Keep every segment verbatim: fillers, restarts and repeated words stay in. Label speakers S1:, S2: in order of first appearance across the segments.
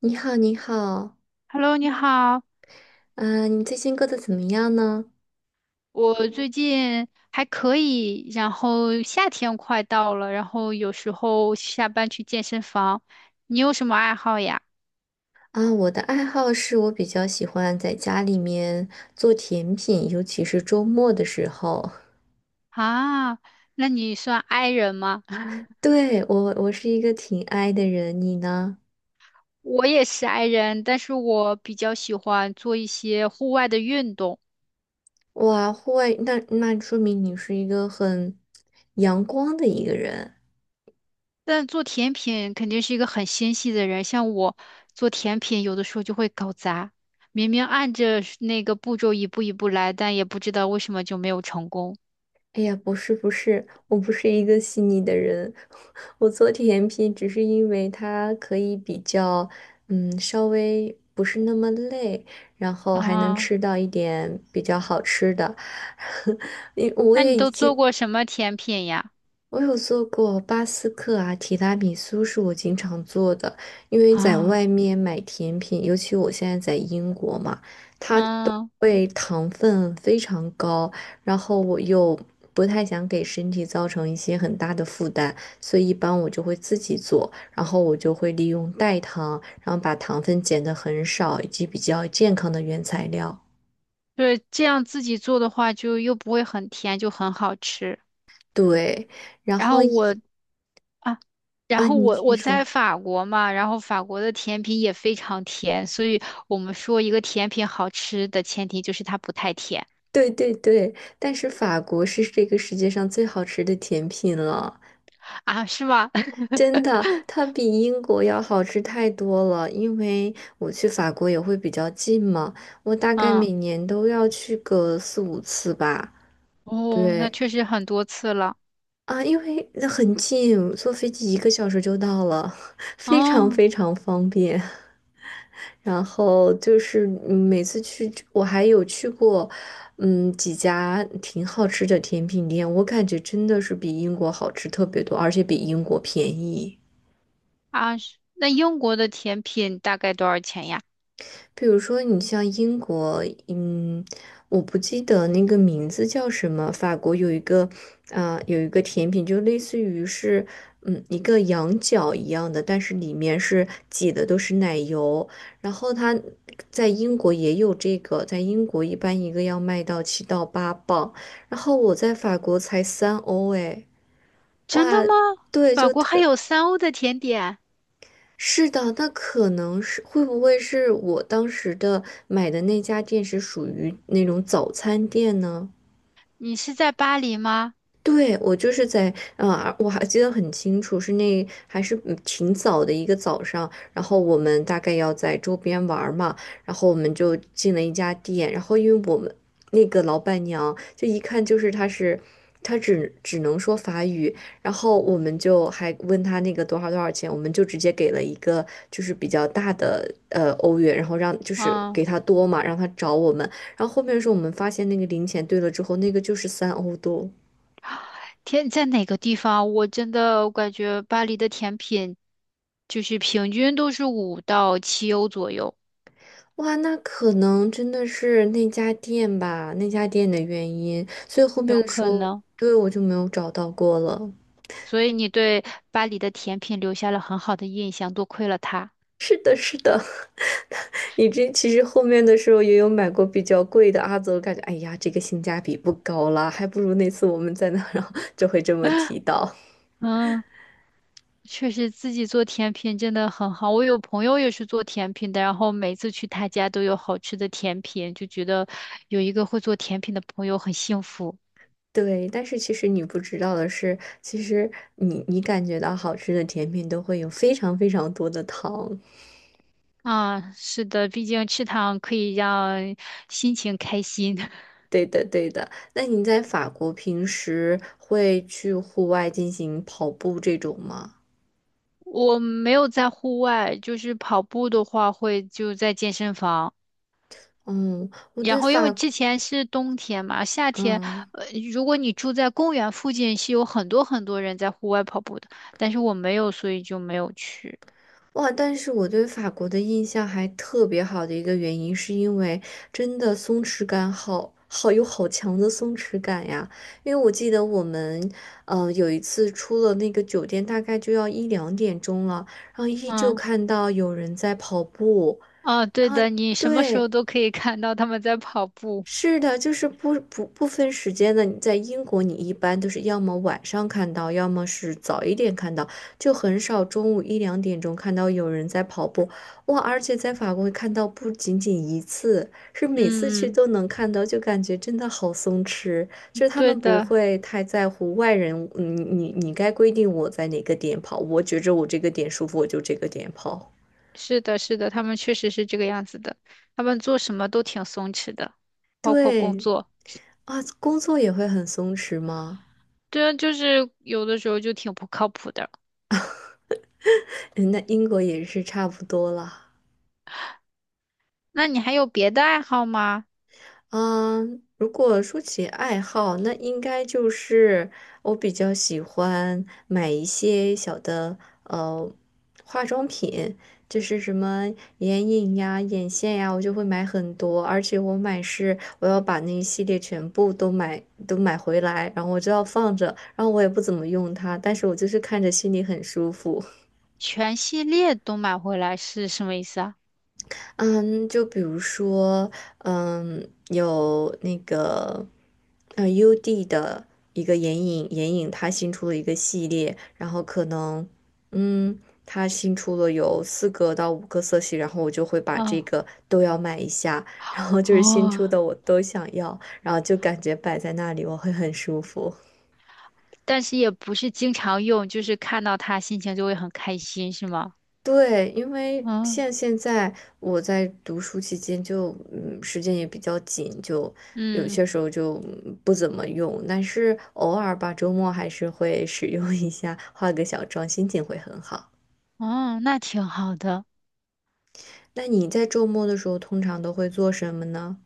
S1: 你好，你好，
S2: Hello，你好。
S1: 嗯，你最近过得怎么样呢？
S2: 我最近还可以，然后夏天快到了，然后有时候下班去健身房。你有什么爱好呀？
S1: 啊，我的爱好是我比较喜欢在家里面做甜品，尤其是周末的时候。
S2: 啊，那你算 i 人吗？
S1: 对，我，我是一个挺 i 的人，你呢？
S2: 我也是 i 人，但是我比较喜欢做一些户外的运动。
S1: 哇，户外，那那说明你是一个很阳光的一个人。
S2: 但做甜品肯定是一个很纤细的人，像我做甜品，有的时候就会搞砸，明明按着那个步骤一步一步来，但也不知道为什么就没有成功。
S1: 哎呀，不是不是，我不是一个细腻的人，我做甜品只是因为它可以比较，嗯，稍微不是那么累，然后还能
S2: 啊。
S1: 吃到一点比较好吃的。因我
S2: 那
S1: 也
S2: 你
S1: 已
S2: 都做
S1: 经，
S2: 过什么甜品呀？
S1: 我有做过巴斯克啊，提拉米苏是我经常做的，因为在外
S2: 啊，
S1: 面买甜品，尤其我现在在英国嘛。
S2: 嗯，
S1: 会糖分非常高，然后我又不太想给身体造成一些很大的负担，所以一般我就会自己做，然后我就会利用代糖，然后把糖分减的很少，以及比较健康的原材料。
S2: 对，这样自己做的话，就又不会很甜，就很好吃。
S1: 对，然
S2: 然
S1: 后
S2: 后
S1: 一
S2: 我啊，然
S1: 啊，
S2: 后
S1: 你
S2: 我
S1: 先
S2: 我在
S1: 说。
S2: 法国嘛，然后法国的甜品也非常甜，所以我们说一个甜品好吃的前提就是它不太甜。
S1: 对对对，但是法国是这个世界上最好吃的甜品了。
S2: 啊，是吧？
S1: 真的，它比英国要好吃太多了。因为我去法国也会比较近嘛，我大概
S2: 嗯。
S1: 每年都要去个四五次吧。
S2: 哦，那
S1: 对
S2: 确实很多次了。
S1: 啊，因为那很近，坐飞机一个小时就到了，非常
S2: 哦。
S1: 非常方便。然后就是嗯每次去，我还有去过，嗯，几家挺好吃的甜品店，我感觉真的是比英国好吃特别多，而且比英国便宜。
S2: 啊，是那英国的甜品大概多少钱呀？
S1: 比如说，你像英国，嗯，我不记得那个名字叫什么。法国有一个，啊、有一个甜品，就类似于是，嗯，一个羊角一样的，但是里面是挤的都是奶油。然后它在英国也有这个，在英国一般一个要卖到七到八磅，然后我在法国才三欧，哎，
S2: 真的
S1: 哇，
S2: 吗？
S1: 对，
S2: 法
S1: 就
S2: 国还
S1: 特。
S2: 有三欧的甜点？
S1: 是的，那可能是会不会是我当时的买的那家店是属于那种早餐店呢？
S2: 你是在巴黎吗？
S1: 对，我就是在，呃，我还记得很清楚，是那还是嗯挺早的一个早上，然后我们大概要在周边玩儿嘛，然后我们就进了一家店，然后因为我们那个老板娘就一看就是她是，她只只能说法语，然后我们就还问她那个多少多少钱，我们就直接给了一个就是比较大的呃欧元，然后让就是
S2: 嗯，
S1: 给她多嘛，让她找我们，然后后面是我们发现那个零钱对了之后，那个就是三欧多。
S2: 天，在哪个地方？我真的我感觉巴黎的甜品就是平均都是五到七欧左右。
S1: 哇，那可能真的是那家店吧，那家店的原因，所以后
S2: 有
S1: 面的时
S2: 可
S1: 候，
S2: 能。
S1: 对，我就没有找到过了。
S2: 所以你对巴黎的甜品留下了很好的印象，多亏了他。
S1: 是的，你这其实后面的时候也有买过比较贵的阿泽，感觉哎呀，这个性价比不高啦，还不如那次我们在那儿然后就会这么提 到。
S2: 嗯，确实自己做甜品真的很好。我有朋友也是做甜品的，然后每次去他家都有好吃的甜品，就觉得有一个会做甜品的朋友很幸福。
S1: 对，但是其实你不知道的是，其实你你感觉到好吃的甜品都会有非常非常多的糖。
S2: 啊，是的，毕竟吃糖可以让心情开心。
S1: 对的，对的。那你在法国平时会去户外进行跑步这种吗？
S2: 我没有在户外，就是跑步的话会就在健身房。
S1: 嗯，我
S2: 然
S1: 对
S2: 后因为
S1: 法国
S2: 之前是冬天嘛，夏天，
S1: 嗯，
S2: 呃，如果你住在公园附近，是有很多很多人在户外跑步的，但是我没有，所以就没有去。
S1: 哇，但是我对法国的印象还特别好的一个原因，是因为真的松弛感好好有好强的松弛感呀。因为我记得我们，嗯，有一次出了那个酒店，大概就要一两点钟了，然后依旧
S2: 嗯。
S1: 看到有人在跑步，
S2: 啊，
S1: 然
S2: 对
S1: 后
S2: 的，你什么时
S1: 对。
S2: 候都可以看到他们在跑步。
S1: 是的，就是不不不分时间的。你在英国，你一般都是要么晚上看到，要么是早一点看到，就很少中午一两点钟看到有人在跑步。哇，而且在法国看到不仅仅一次，是每次去
S2: 嗯嗯，
S1: 都能看到，就感觉真的好松弛。就是他
S2: 对
S1: 们不
S2: 的。
S1: 会太在乎外人，你你你该规定我在哪个点跑，我觉着我这个点舒服，我就这个点跑。
S2: 是的，是的，他们确实是这个样子的，他们做什么都挺松弛的，包括工
S1: 对
S2: 作。
S1: 啊，工作也会很松弛吗？
S2: 对啊，就是有的时候就挺不靠谱的。
S1: 嗯，那英国也是差不多了。
S2: 那你还有别的爱好吗？
S1: 嗯，如果说起爱好，那应该就是我比较喜欢买一些小的呃化妆品，就是什么眼影呀、眼线呀，我就会买很多，而且我买是我要把那一系列全部都买都买回来，然后我就要放着，然后我也不怎么用它，但是我就是看着心里很舒服。
S2: 全系列都买回来是什么意思啊？
S1: 嗯，就比如说，嗯，有那个，呃，U D 的一个眼影，眼影它新出了一个系列，然后可能，嗯，它新出了有四个到五个色系，然后我就会把这
S2: 嗯。
S1: 个都要买一下，然后就是新
S2: 哦，
S1: 出的我都想要，然后就感觉摆在那里我会很舒服。
S2: 但是也不是经常用，就是看到它心情就会很开心，是吗？
S1: 对，因为
S2: 嗯
S1: 像现在我在读书期间就，嗯，时间也比较紧，就有
S2: 嗯
S1: 些时候就嗯不怎么用，但是偶尔吧，周末还是会使用一下，化个小妆，心情会很好。
S2: 嗯，那挺好的。
S1: 那你在周末的时候通常都会做什么呢？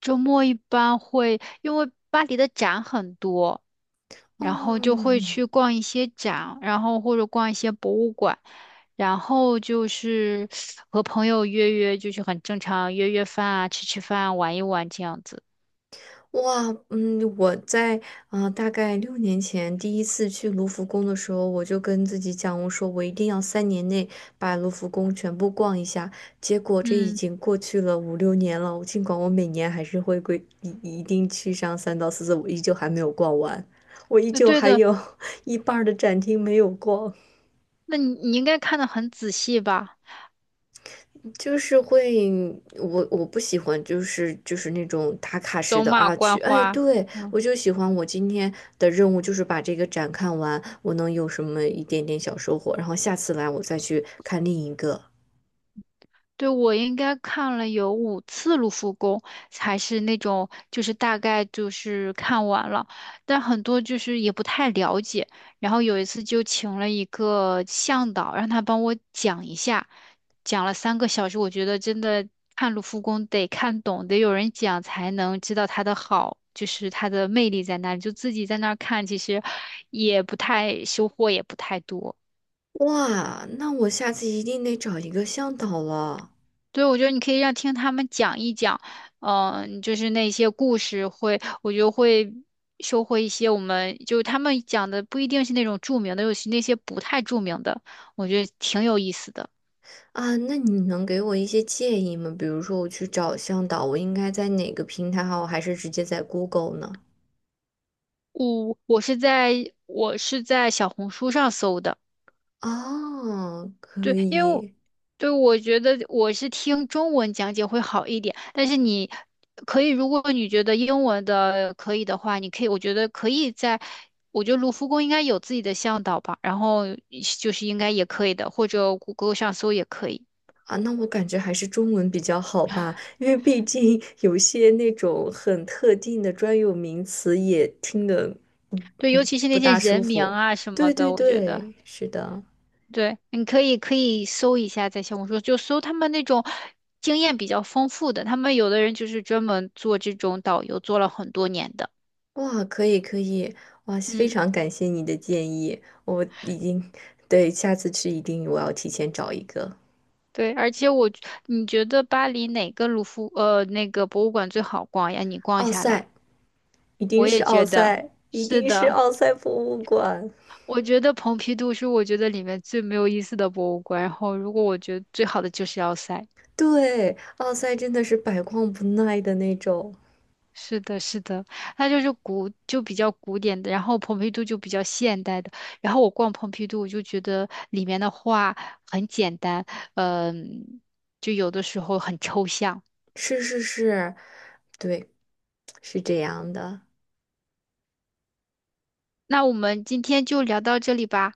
S2: 周末一般会，因为巴黎的展很多。然后就会
S1: 嗯。
S2: 去逛一些展，然后或者逛一些博物馆，然后就是和朋友约约，就是很正常，约约饭啊，吃吃饭啊，玩一玩这样子。
S1: 哇，嗯，我在呃大概六年前第一次去卢浮宫的时候，我就跟自己讲，我说我一定要三年内把卢浮宫全部逛一下。结果这已
S2: 嗯，
S1: 经过去了五六年了，尽管我每年还是会规一一定去上三到四次，我依旧还没有逛完，我依
S2: 那
S1: 旧
S2: 对
S1: 还
S2: 的，
S1: 有 一半儿的展厅没有逛。
S2: 那你你应该看得很仔细吧？
S1: 就是会，我我不喜欢，就是就是那种打卡式
S2: 走
S1: 的
S2: 马
S1: 啊，去，
S2: 观
S1: 哎，
S2: 花。
S1: 对，
S2: 嗯。
S1: 我就喜欢我今天的任务就是把这个展看完，我能有什么一点点小收获，然后下次来我再去看另一个。
S2: 对，我应该看了有五次卢浮宫，还是那种就是大概就是看完了，但很多就是也不太了解。然后有一次就请了一个向导，让他帮我讲一下，讲了三个小时。我觉得真的看卢浮宫得看懂，得有人讲才能知道它的好，就是它的魅力在哪里。就自己在那儿看，其实也不太收获也不太多。
S1: 哇，那我下次一定得找一个向导了
S2: 对，我觉得你可以让听他们讲一讲，嗯、就是那些故事会，我觉得会收获一些我们就是他们讲的不一定是那种著名的，尤其那些不太著名的，我觉得挺有意思的。
S1: 啊！那你能给我一些建议吗？比如说我去找向导，我应该在哪个平台好，还是直接在 Google 呢？
S2: 我我是在我是在小红书上搜的。
S1: 啊，可
S2: 对，因为我
S1: 以。
S2: 对我觉得我是听中文讲解会好一点，但是你可以，如果你觉得英文的可以的话，你可以，我觉得可以在，我觉得卢浮宫应该有自己的向导吧，然后就是应该也可以的，或者谷歌上搜也可以。
S1: 啊，那我感觉还是中文比较好吧，因为毕竟有些那种很特定的专有名词也听得，嗯
S2: 对，尤
S1: 嗯，
S2: 其是
S1: 不
S2: 那些
S1: 大舒
S2: 人名
S1: 服。
S2: 啊什么
S1: 对
S2: 的，
S1: 对
S2: 我觉得
S1: 对，是的，
S2: 对，你可以可以搜一下，在小红书就搜他们那种经验比较丰富的，他们有的人就是专门做这种导游，做了很多年的。
S1: 哇，可以可以，哇，非
S2: 嗯。
S1: 常感谢你的建议，我已经，对，下次去一定我要提前找一个
S2: 对，而且我，你觉得巴黎哪个卢浮呃那个博物馆最好逛呀？你逛
S1: 奥
S2: 下来，
S1: 赛，一定
S2: 我
S1: 是
S2: 也觉
S1: 奥
S2: 得
S1: 赛，一
S2: 是
S1: 定是
S2: 的。
S1: 奥赛博物馆，
S2: 我觉得蓬皮杜是我觉得里面最没有意思的博物馆，然后如果我觉得最好的就是要塞。
S1: 对，奥赛真的是百逛不耐的那种。
S2: 是的，是的，它就是古就比较古典的，然后蓬皮杜就比较现代的。然后我逛蓬皮杜，我就觉得里面的画很简单，嗯、就有的时候很抽象。
S1: 是是是，对，是这样的。
S2: 那我们今天就聊到这里吧。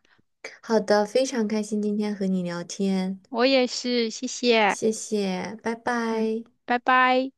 S1: 好的，非常开心今天和你聊天，
S2: 我也是，谢谢。
S1: 谢谢，拜
S2: 嗯，
S1: 拜。
S2: 拜拜。